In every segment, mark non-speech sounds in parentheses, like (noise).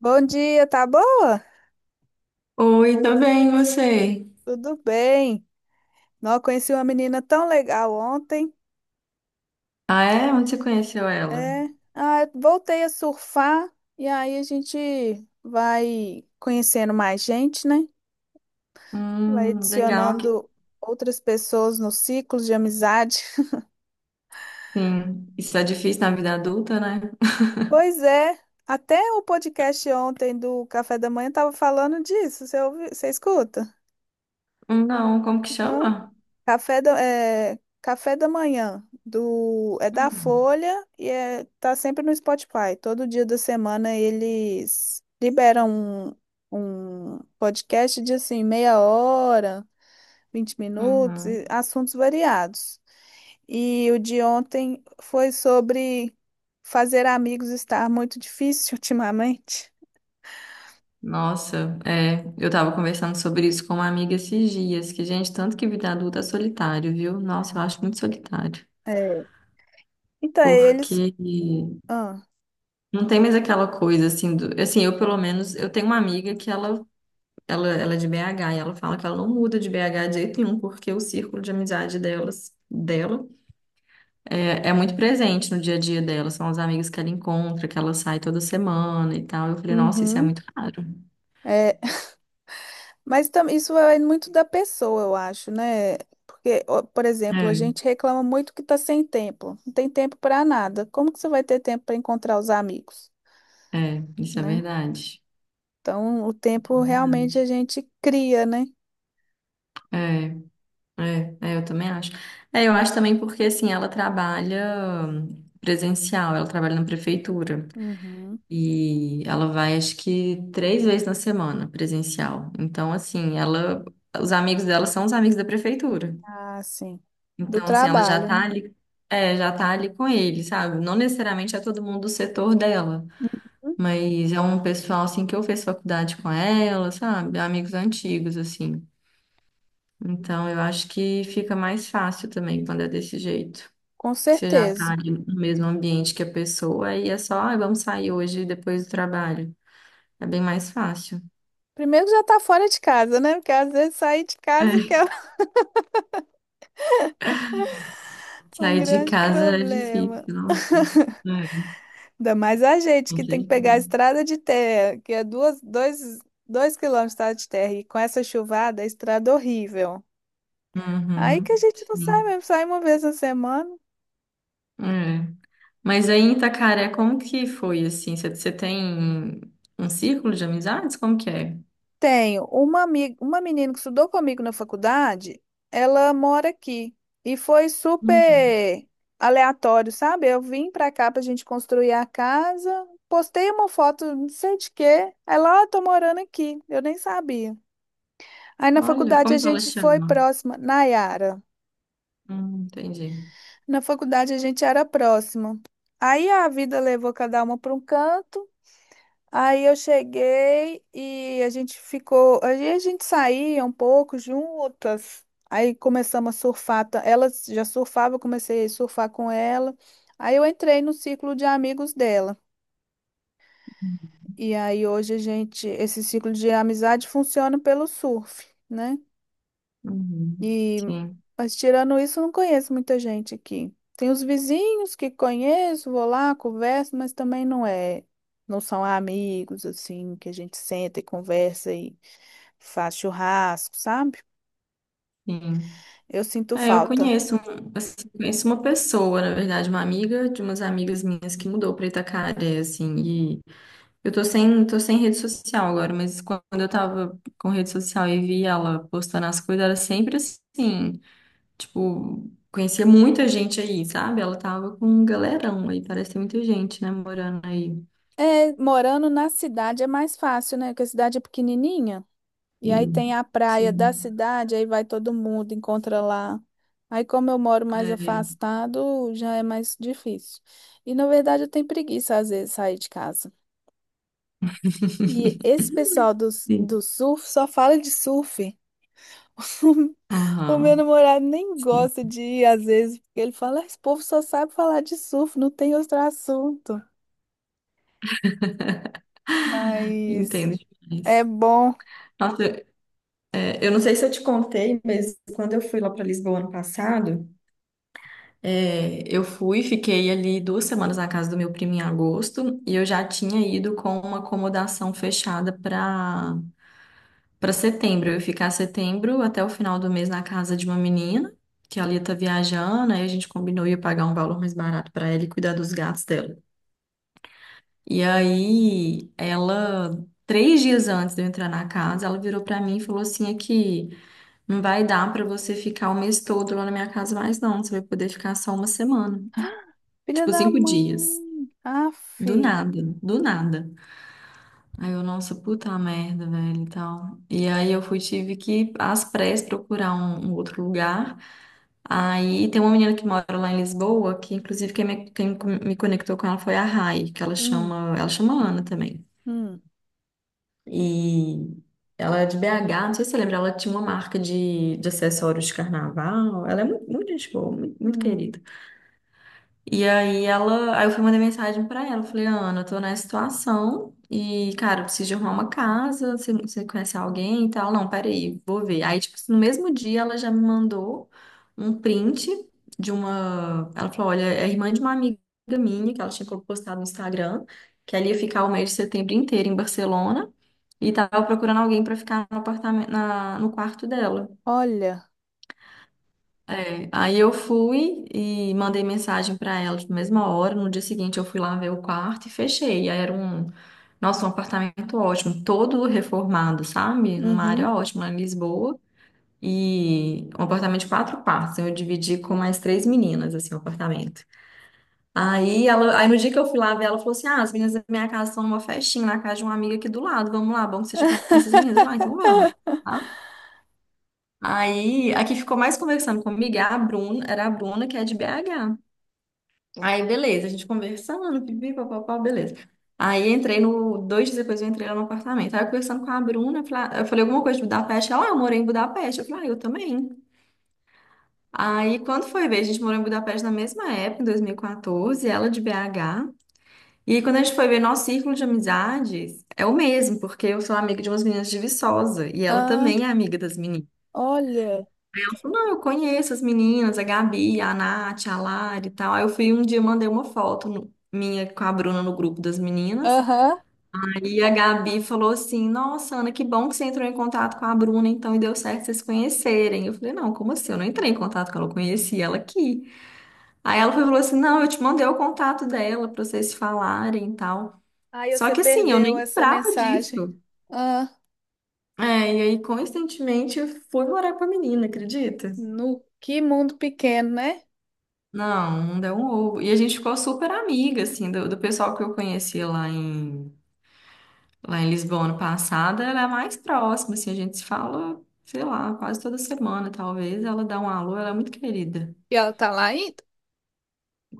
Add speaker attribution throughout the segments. Speaker 1: Bom dia, tá boa?
Speaker 2: Oi, tudo bem, e você?
Speaker 1: Tudo bem. Não, conheci uma menina tão legal ontem.
Speaker 2: Ah, é? Onde você conheceu ela?
Speaker 1: É, ah, eu voltei a surfar e aí a gente vai conhecendo mais gente, né? Vai
Speaker 2: Legal que
Speaker 1: adicionando outras pessoas no ciclo de amizade.
Speaker 2: sim. Isso é difícil na vida adulta, né?
Speaker 1: Pois é, até o podcast ontem do Café da Manhã tava falando disso. Você ouve, você escuta?
Speaker 2: Não, como que
Speaker 1: Não.
Speaker 2: chama?
Speaker 1: Café da Manhã do é da
Speaker 2: Hum,
Speaker 1: Folha tá sempre no Spotify. Todo dia da semana eles liberam um podcast de assim meia hora, 20 minutos,
Speaker 2: uhum.
Speaker 1: e assuntos variados. E o de ontem foi sobre fazer amigos estar muito difícil (laughs) ultimamente.
Speaker 2: Nossa, é, eu tava conversando sobre isso com uma amiga esses dias, que, gente, tanto que vida adulta é solitário, viu? Nossa, eu acho muito solitário.
Speaker 1: É. Então, eles.
Speaker 2: Porque
Speaker 1: Ah,
Speaker 2: não tem mais aquela coisa assim do, assim, eu pelo menos, eu tenho uma amiga que ela é de BH e ela fala que ela não muda de BH de jeito nenhum, porque o círculo de amizade dela é muito presente no dia a dia dela. São os amigos que ela encontra, que ela sai toda semana e tal. Eu falei, nossa, isso é
Speaker 1: uhum.
Speaker 2: muito raro.
Speaker 1: é, Mas isso vai muito da pessoa, eu acho, né? Porque, ó, por exemplo, a
Speaker 2: É,
Speaker 1: gente reclama muito que tá sem tempo, não tem tempo para nada. Como que você vai ter tempo para encontrar os amigos,
Speaker 2: isso é
Speaker 1: né?
Speaker 2: verdade.
Speaker 1: Então, o tempo realmente a
Speaker 2: Verdade.
Speaker 1: gente cria, né?
Speaker 2: É, eu também acho. É, eu acho também porque, assim, ela trabalha presencial, ela trabalha na prefeitura.
Speaker 1: Uhum.
Speaker 2: E ela vai, acho que, três vezes na semana presencial. Então, assim, ela, os amigos dela são os amigos da prefeitura.
Speaker 1: Ah, sim. Do
Speaker 2: Então, assim, ela já
Speaker 1: trabalho,
Speaker 2: tá
Speaker 1: né?
Speaker 2: ali, é, já tá ali com ele, sabe? Não necessariamente é todo mundo do setor dela, mas é um pessoal, assim, que eu fiz faculdade com ela, sabe? Amigos antigos, assim. Então, eu acho que fica mais fácil também quando é desse jeito.
Speaker 1: Com
Speaker 2: Você já tá
Speaker 1: certeza.
Speaker 2: ali no mesmo ambiente que a pessoa e é só, ah, vamos sair hoje depois do trabalho. É bem mais fácil.
Speaker 1: Primeiro já tá fora de casa, né? Porque às vezes sair de casa que
Speaker 2: É,
Speaker 1: é (laughs) um
Speaker 2: sair de
Speaker 1: grande
Speaker 2: casa é
Speaker 1: problema.
Speaker 2: difícil, não? É,
Speaker 1: Ainda mais a gente
Speaker 2: com
Speaker 1: que tem que
Speaker 2: certeza.
Speaker 1: pegar a estrada de terra, que é duas, dois quilômetros de estrada de terra, e com essa chuvada, a estrada é horrível. Aí que a
Speaker 2: Uhum,
Speaker 1: gente não sai
Speaker 2: sim.
Speaker 1: mesmo, sai uma vez na semana.
Speaker 2: É. Mas aí em Itacaré, como que foi assim? Você tem um círculo de amizades? Como que é?
Speaker 1: Tenho uma amiga, uma menina que estudou comigo na faculdade, ela mora aqui. E foi
Speaker 2: Hum,
Speaker 1: super aleatório, sabe? Eu vim pra cá pra gente construir a casa, postei uma foto, não sei de quê. Aí lá, "Ah, tô morando aqui, eu nem sabia." Aí na
Speaker 2: Olha,
Speaker 1: faculdade a
Speaker 2: como que ela
Speaker 1: gente foi
Speaker 2: chama?
Speaker 1: próxima, Nayara.
Speaker 2: Entendi.
Speaker 1: Na faculdade a gente era próximo. Aí a vida levou cada uma para um canto. Aí eu cheguei e a gente ficou. Aí a gente saía um pouco juntas. Aí começamos a surfar. Ela já surfava, eu comecei a surfar com ela. Aí eu entrei no ciclo de amigos dela. E aí hoje a gente, esse ciclo de amizade funciona pelo surf, né?
Speaker 2: Uhum,
Speaker 1: E,
Speaker 2: sim,
Speaker 1: mas tirando isso, eu não conheço muita gente aqui. Tem os vizinhos que conheço, vou lá, converso, mas também não é, não são amigos assim que a gente senta e conversa e faz churrasco, sabe?
Speaker 2: sim.
Speaker 1: Eu sinto
Speaker 2: É, eu
Speaker 1: falta.
Speaker 2: conheço, assim, conheço uma pessoa, na verdade, uma amiga de umas amigas minhas que mudou para Itacaré, assim, eu tô sem rede social agora, mas quando eu tava com rede social e vi ela postando as coisas, era sempre assim, tipo, conhecia muita gente aí, sabe? Ela tava com um galerão aí, parece ter muita gente, né, morando aí.
Speaker 1: É, morando na cidade é mais fácil, né? Porque a cidade é pequenininha. E aí tem
Speaker 2: Sim,
Speaker 1: a praia da
Speaker 2: sim.
Speaker 1: cidade, aí vai todo mundo, encontra lá. Aí, como eu moro mais
Speaker 2: É,
Speaker 1: afastado, já é mais difícil. E, na verdade, eu tenho preguiça, às vezes, de sair de casa. E
Speaker 2: (laughs)
Speaker 1: esse pessoal do,
Speaker 2: sim.
Speaker 1: do surf só fala de surf. (laughs) O meu
Speaker 2: Aham,
Speaker 1: namorado nem
Speaker 2: sim.
Speaker 1: gosta de ir, às vezes, porque ele fala, "Ah, esse povo só sabe falar de surf, não tem outro assunto." Mas
Speaker 2: Entendo
Speaker 1: é
Speaker 2: demais.
Speaker 1: bom.
Speaker 2: Nossa, é, eu não sei se eu te contei, mas quando eu fui lá para Lisboa ano passado, é, eu fui, fiquei ali duas semanas na casa do meu primo em agosto e eu já tinha ido com uma acomodação fechada para setembro. Eu ia ficar setembro até o final do mês na casa de uma menina que ela ia estar viajando, aí a gente combinou ia pagar um valor mais barato para ela e cuidar dos gatos dela. E aí ela 3 dias antes de eu entrar na casa, ela virou para mim e falou assim: aqui, não vai dar para você ficar o mês todo lá na minha casa mais, não. Você vai poder ficar só uma semana,
Speaker 1: Filha
Speaker 2: tipo
Speaker 1: da
Speaker 2: 5 dias.
Speaker 1: mãe. Aff.
Speaker 2: Do nada, do nada. Aí eu, nossa, puta merda, velho, e tal. E aí eu fui, tive que ir às pressas procurar um outro lugar. Aí tem uma menina que mora lá em Lisboa, que inclusive quem me conectou com ela foi a Rai, que
Speaker 1: Hum,
Speaker 2: ela chama Ana também.
Speaker 1: hum,
Speaker 2: E ela é de BH, não sei se você lembra, ela tinha uma marca de acessórios de carnaval. Ela é muito, muito gente boa, muito, muito
Speaker 1: hum.
Speaker 2: querida. E aí ela, aí eu fui mandar mensagem pra ela, falei, Ana, eu tô nessa situação e, cara, eu preciso de arrumar uma casa, você conhece alguém e tal? Não, peraí, vou ver. Aí, tipo, no mesmo dia ela já me mandou um print de uma, ela falou, olha, é irmã de uma amiga minha que ela tinha postado no Instagram, que ela ia ficar o mês de setembro inteiro em Barcelona e tava procurando alguém pra ficar no apartamento, no quarto dela.
Speaker 1: Olha.
Speaker 2: É, aí eu fui e mandei mensagem para ela na mesma hora. No dia seguinte eu fui lá ver o quarto e fechei. Aí era um, nossa, um apartamento ótimo, todo reformado, sabe? Numa área
Speaker 1: Uhum.
Speaker 2: ótima lá em Lisboa. E um apartamento de 4 quartos. Eu dividi com mais três meninas, assim, o apartamento. Aí, ela, aí no dia que eu fui lá ver, ela falou assim: ah, as meninas da minha casa estão numa festinha na casa de uma amiga aqui do lado. Vamos lá, bom que você já conhece as meninas. Eu falei, ah, então vamos. Aí, a que ficou mais conversando comigo era a Bruna, que é de BH. Aí, beleza, a gente conversando, pipi, papapá, beleza. Aí, entrei no, dois dias depois eu entrei lá no apartamento. Aí, eu conversando com a Bruna, eu falei, ah, eu falei alguma coisa de Budapeste. Ela, ah, eu morei em Budapeste. Eu falei, ah, eu também. Aí, quando foi ver, a gente morou em Budapeste na mesma época, em 2014, ela de BH. E quando a gente foi ver, nosso círculo de amizades é o mesmo, porque eu sou amiga de umas meninas de Viçosa, e ela
Speaker 1: Ah,
Speaker 2: também é amiga das meninas.
Speaker 1: olha.
Speaker 2: Ela falou, não, eu conheço as meninas, a Gabi, a Nath, a Lari e tal. Aí eu fui um dia, mandei uma foto minha com a Bruna no grupo das meninas.
Speaker 1: Aham.
Speaker 2: Aí a Gabi falou assim, nossa, Ana, que bom que você entrou em contato com a Bruna, então, e deu certo vocês se conhecerem. Eu falei, não, como assim? Eu não entrei em contato com ela, eu conheci ela aqui. Aí ela foi e falou assim, não, eu te mandei o contato dela pra vocês se falarem e tal.
Speaker 1: Aí
Speaker 2: Só
Speaker 1: você
Speaker 2: que assim, eu nem
Speaker 1: perdeu essa
Speaker 2: lembrava
Speaker 1: mensagem.
Speaker 2: disso.
Speaker 1: Ah,
Speaker 2: É, e aí, coincidentemente, eu fui morar com a menina, acredita?
Speaker 1: no que mundo pequeno, né?
Speaker 2: Não, não deu um ovo. E a gente ficou super amiga, assim, do pessoal que eu conheci lá em Lisboa ano passado, ela é a mais próxima, assim, a gente se fala, sei lá, quase toda semana, talvez. Ela dá um alô, ela é muito querida.
Speaker 1: E ela tá lá ainda.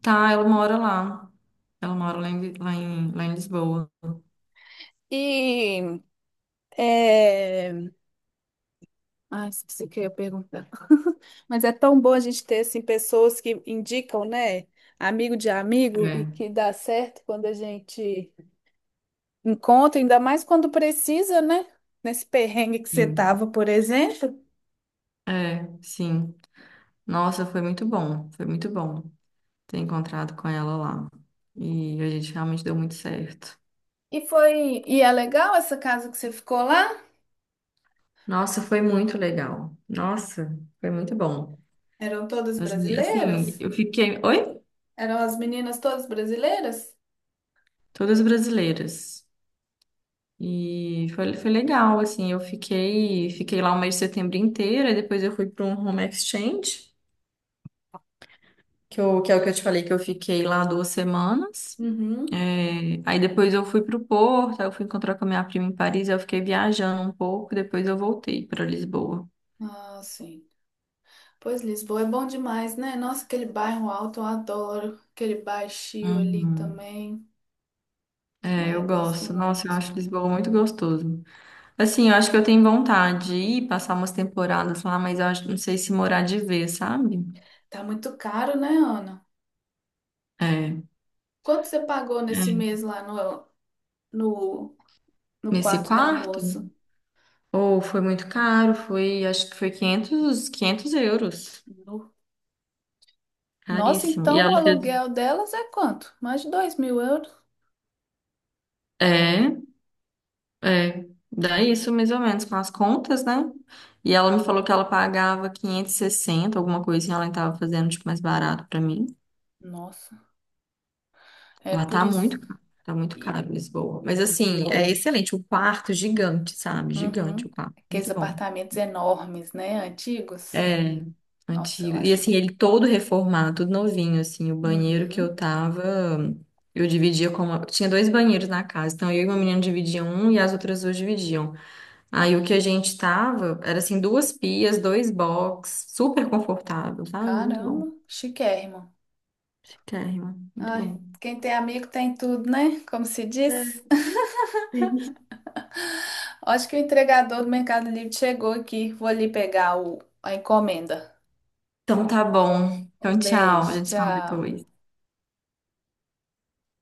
Speaker 2: Tá, ela mora lá. Ela mora lá em Lisboa.
Speaker 1: E é... Ai, esqueci o que eu ia perguntar. (laughs) Mas é tão bom a gente ter assim, pessoas que indicam, né? Amigo de amigo e
Speaker 2: É,
Speaker 1: que dá certo quando a gente encontra, ainda mais quando precisa, né? Nesse perrengue que você
Speaker 2: sim.
Speaker 1: tava, por exemplo.
Speaker 2: É, sim. Nossa, foi muito bom ter encontrado com ela lá. E a gente realmente deu muito certo.
Speaker 1: E foi, e é legal essa casa que você ficou lá?
Speaker 2: Nossa, foi muito legal. Nossa, foi muito bom.
Speaker 1: Eram todas
Speaker 2: As minhas- assim,
Speaker 1: brasileiras?
Speaker 2: eu fiquei. Oi?
Speaker 1: Eram as meninas todas brasileiras?
Speaker 2: Todas brasileiras. E foi, foi legal, assim, eu fiquei, fiquei lá o mês de setembro inteiro, e depois eu fui para um home exchange, que, eu, que é o que eu te falei que eu fiquei lá duas semanas.
Speaker 1: Uhum.
Speaker 2: É, aí depois eu fui para o Porto, aí eu fui encontrar com a minha prima em Paris, aí eu fiquei viajando um pouco, depois eu voltei para Lisboa.
Speaker 1: Ah, sim. Pois Lisboa é bom demais, né? Nossa, aquele bairro alto eu adoro. Aquele baixio ali
Speaker 2: Uhum.
Speaker 1: também.
Speaker 2: É,
Speaker 1: Ai,
Speaker 2: eu
Speaker 1: gosto
Speaker 2: gosto. Nossa, eu
Speaker 1: muito.
Speaker 2: acho Lisboa muito gostoso. Assim, eu acho que eu tenho vontade de ir passar umas temporadas lá, mas eu acho, não sei se morar de vez, sabe?
Speaker 1: Tá muito caro, né, Ana?
Speaker 2: É.
Speaker 1: Quanto você pagou nesse
Speaker 2: É.
Speaker 1: mês lá no, no, no
Speaker 2: Nesse
Speaker 1: quarto da
Speaker 2: quarto?
Speaker 1: moça?
Speaker 2: Ou foi muito caro, foi, acho que foi 500 euros.
Speaker 1: No- Nossa,
Speaker 2: Caríssimo. E
Speaker 1: então
Speaker 2: ela
Speaker 1: o
Speaker 2: fez,
Speaker 1: aluguel delas é quanto? Mais de 2.000 euros?
Speaker 2: é, é, dá isso mais ou menos com as contas, né? E ela me falou que ela pagava 560 alguma coisinha, ela estava fazendo tipo mais barato pra mim.
Speaker 1: Nossa, é
Speaker 2: Lá
Speaker 1: por isso.
Speaker 2: tá muito caro Lisboa. Mas assim, é excelente. O quarto é gigante, sabe? Gigante o
Speaker 1: Uhum.
Speaker 2: quarto.
Speaker 1: Aqueles
Speaker 2: Muito bom.
Speaker 1: apartamentos enormes, né? Antigos.
Speaker 2: É,
Speaker 1: Nossa, eu
Speaker 2: antigo. E
Speaker 1: acho.
Speaker 2: assim, ele todo reformado, tudo novinho, assim. O banheiro que eu
Speaker 1: Uhum.
Speaker 2: tava, eu dividia com uma... Tinha dois banheiros na casa. Então eu e uma menina dividiam um e as outras duas dividiam. Aí o que a gente tava era assim, duas pias, dois box, super confortável, sabe? Muito
Speaker 1: Caramba,
Speaker 2: bom.
Speaker 1: chiquérrimo.
Speaker 2: Chiquérrimo, muito
Speaker 1: Ai,
Speaker 2: bom.
Speaker 1: quem tem amigo tem tudo, né? Como se diz. (laughs) Acho que o entregador do Mercado Livre chegou aqui. Vou ali pegar o... a encomenda.
Speaker 2: Então tá bom. Então
Speaker 1: Um
Speaker 2: tchau, a
Speaker 1: beijo,
Speaker 2: gente se fala
Speaker 1: tchau.
Speaker 2: depois.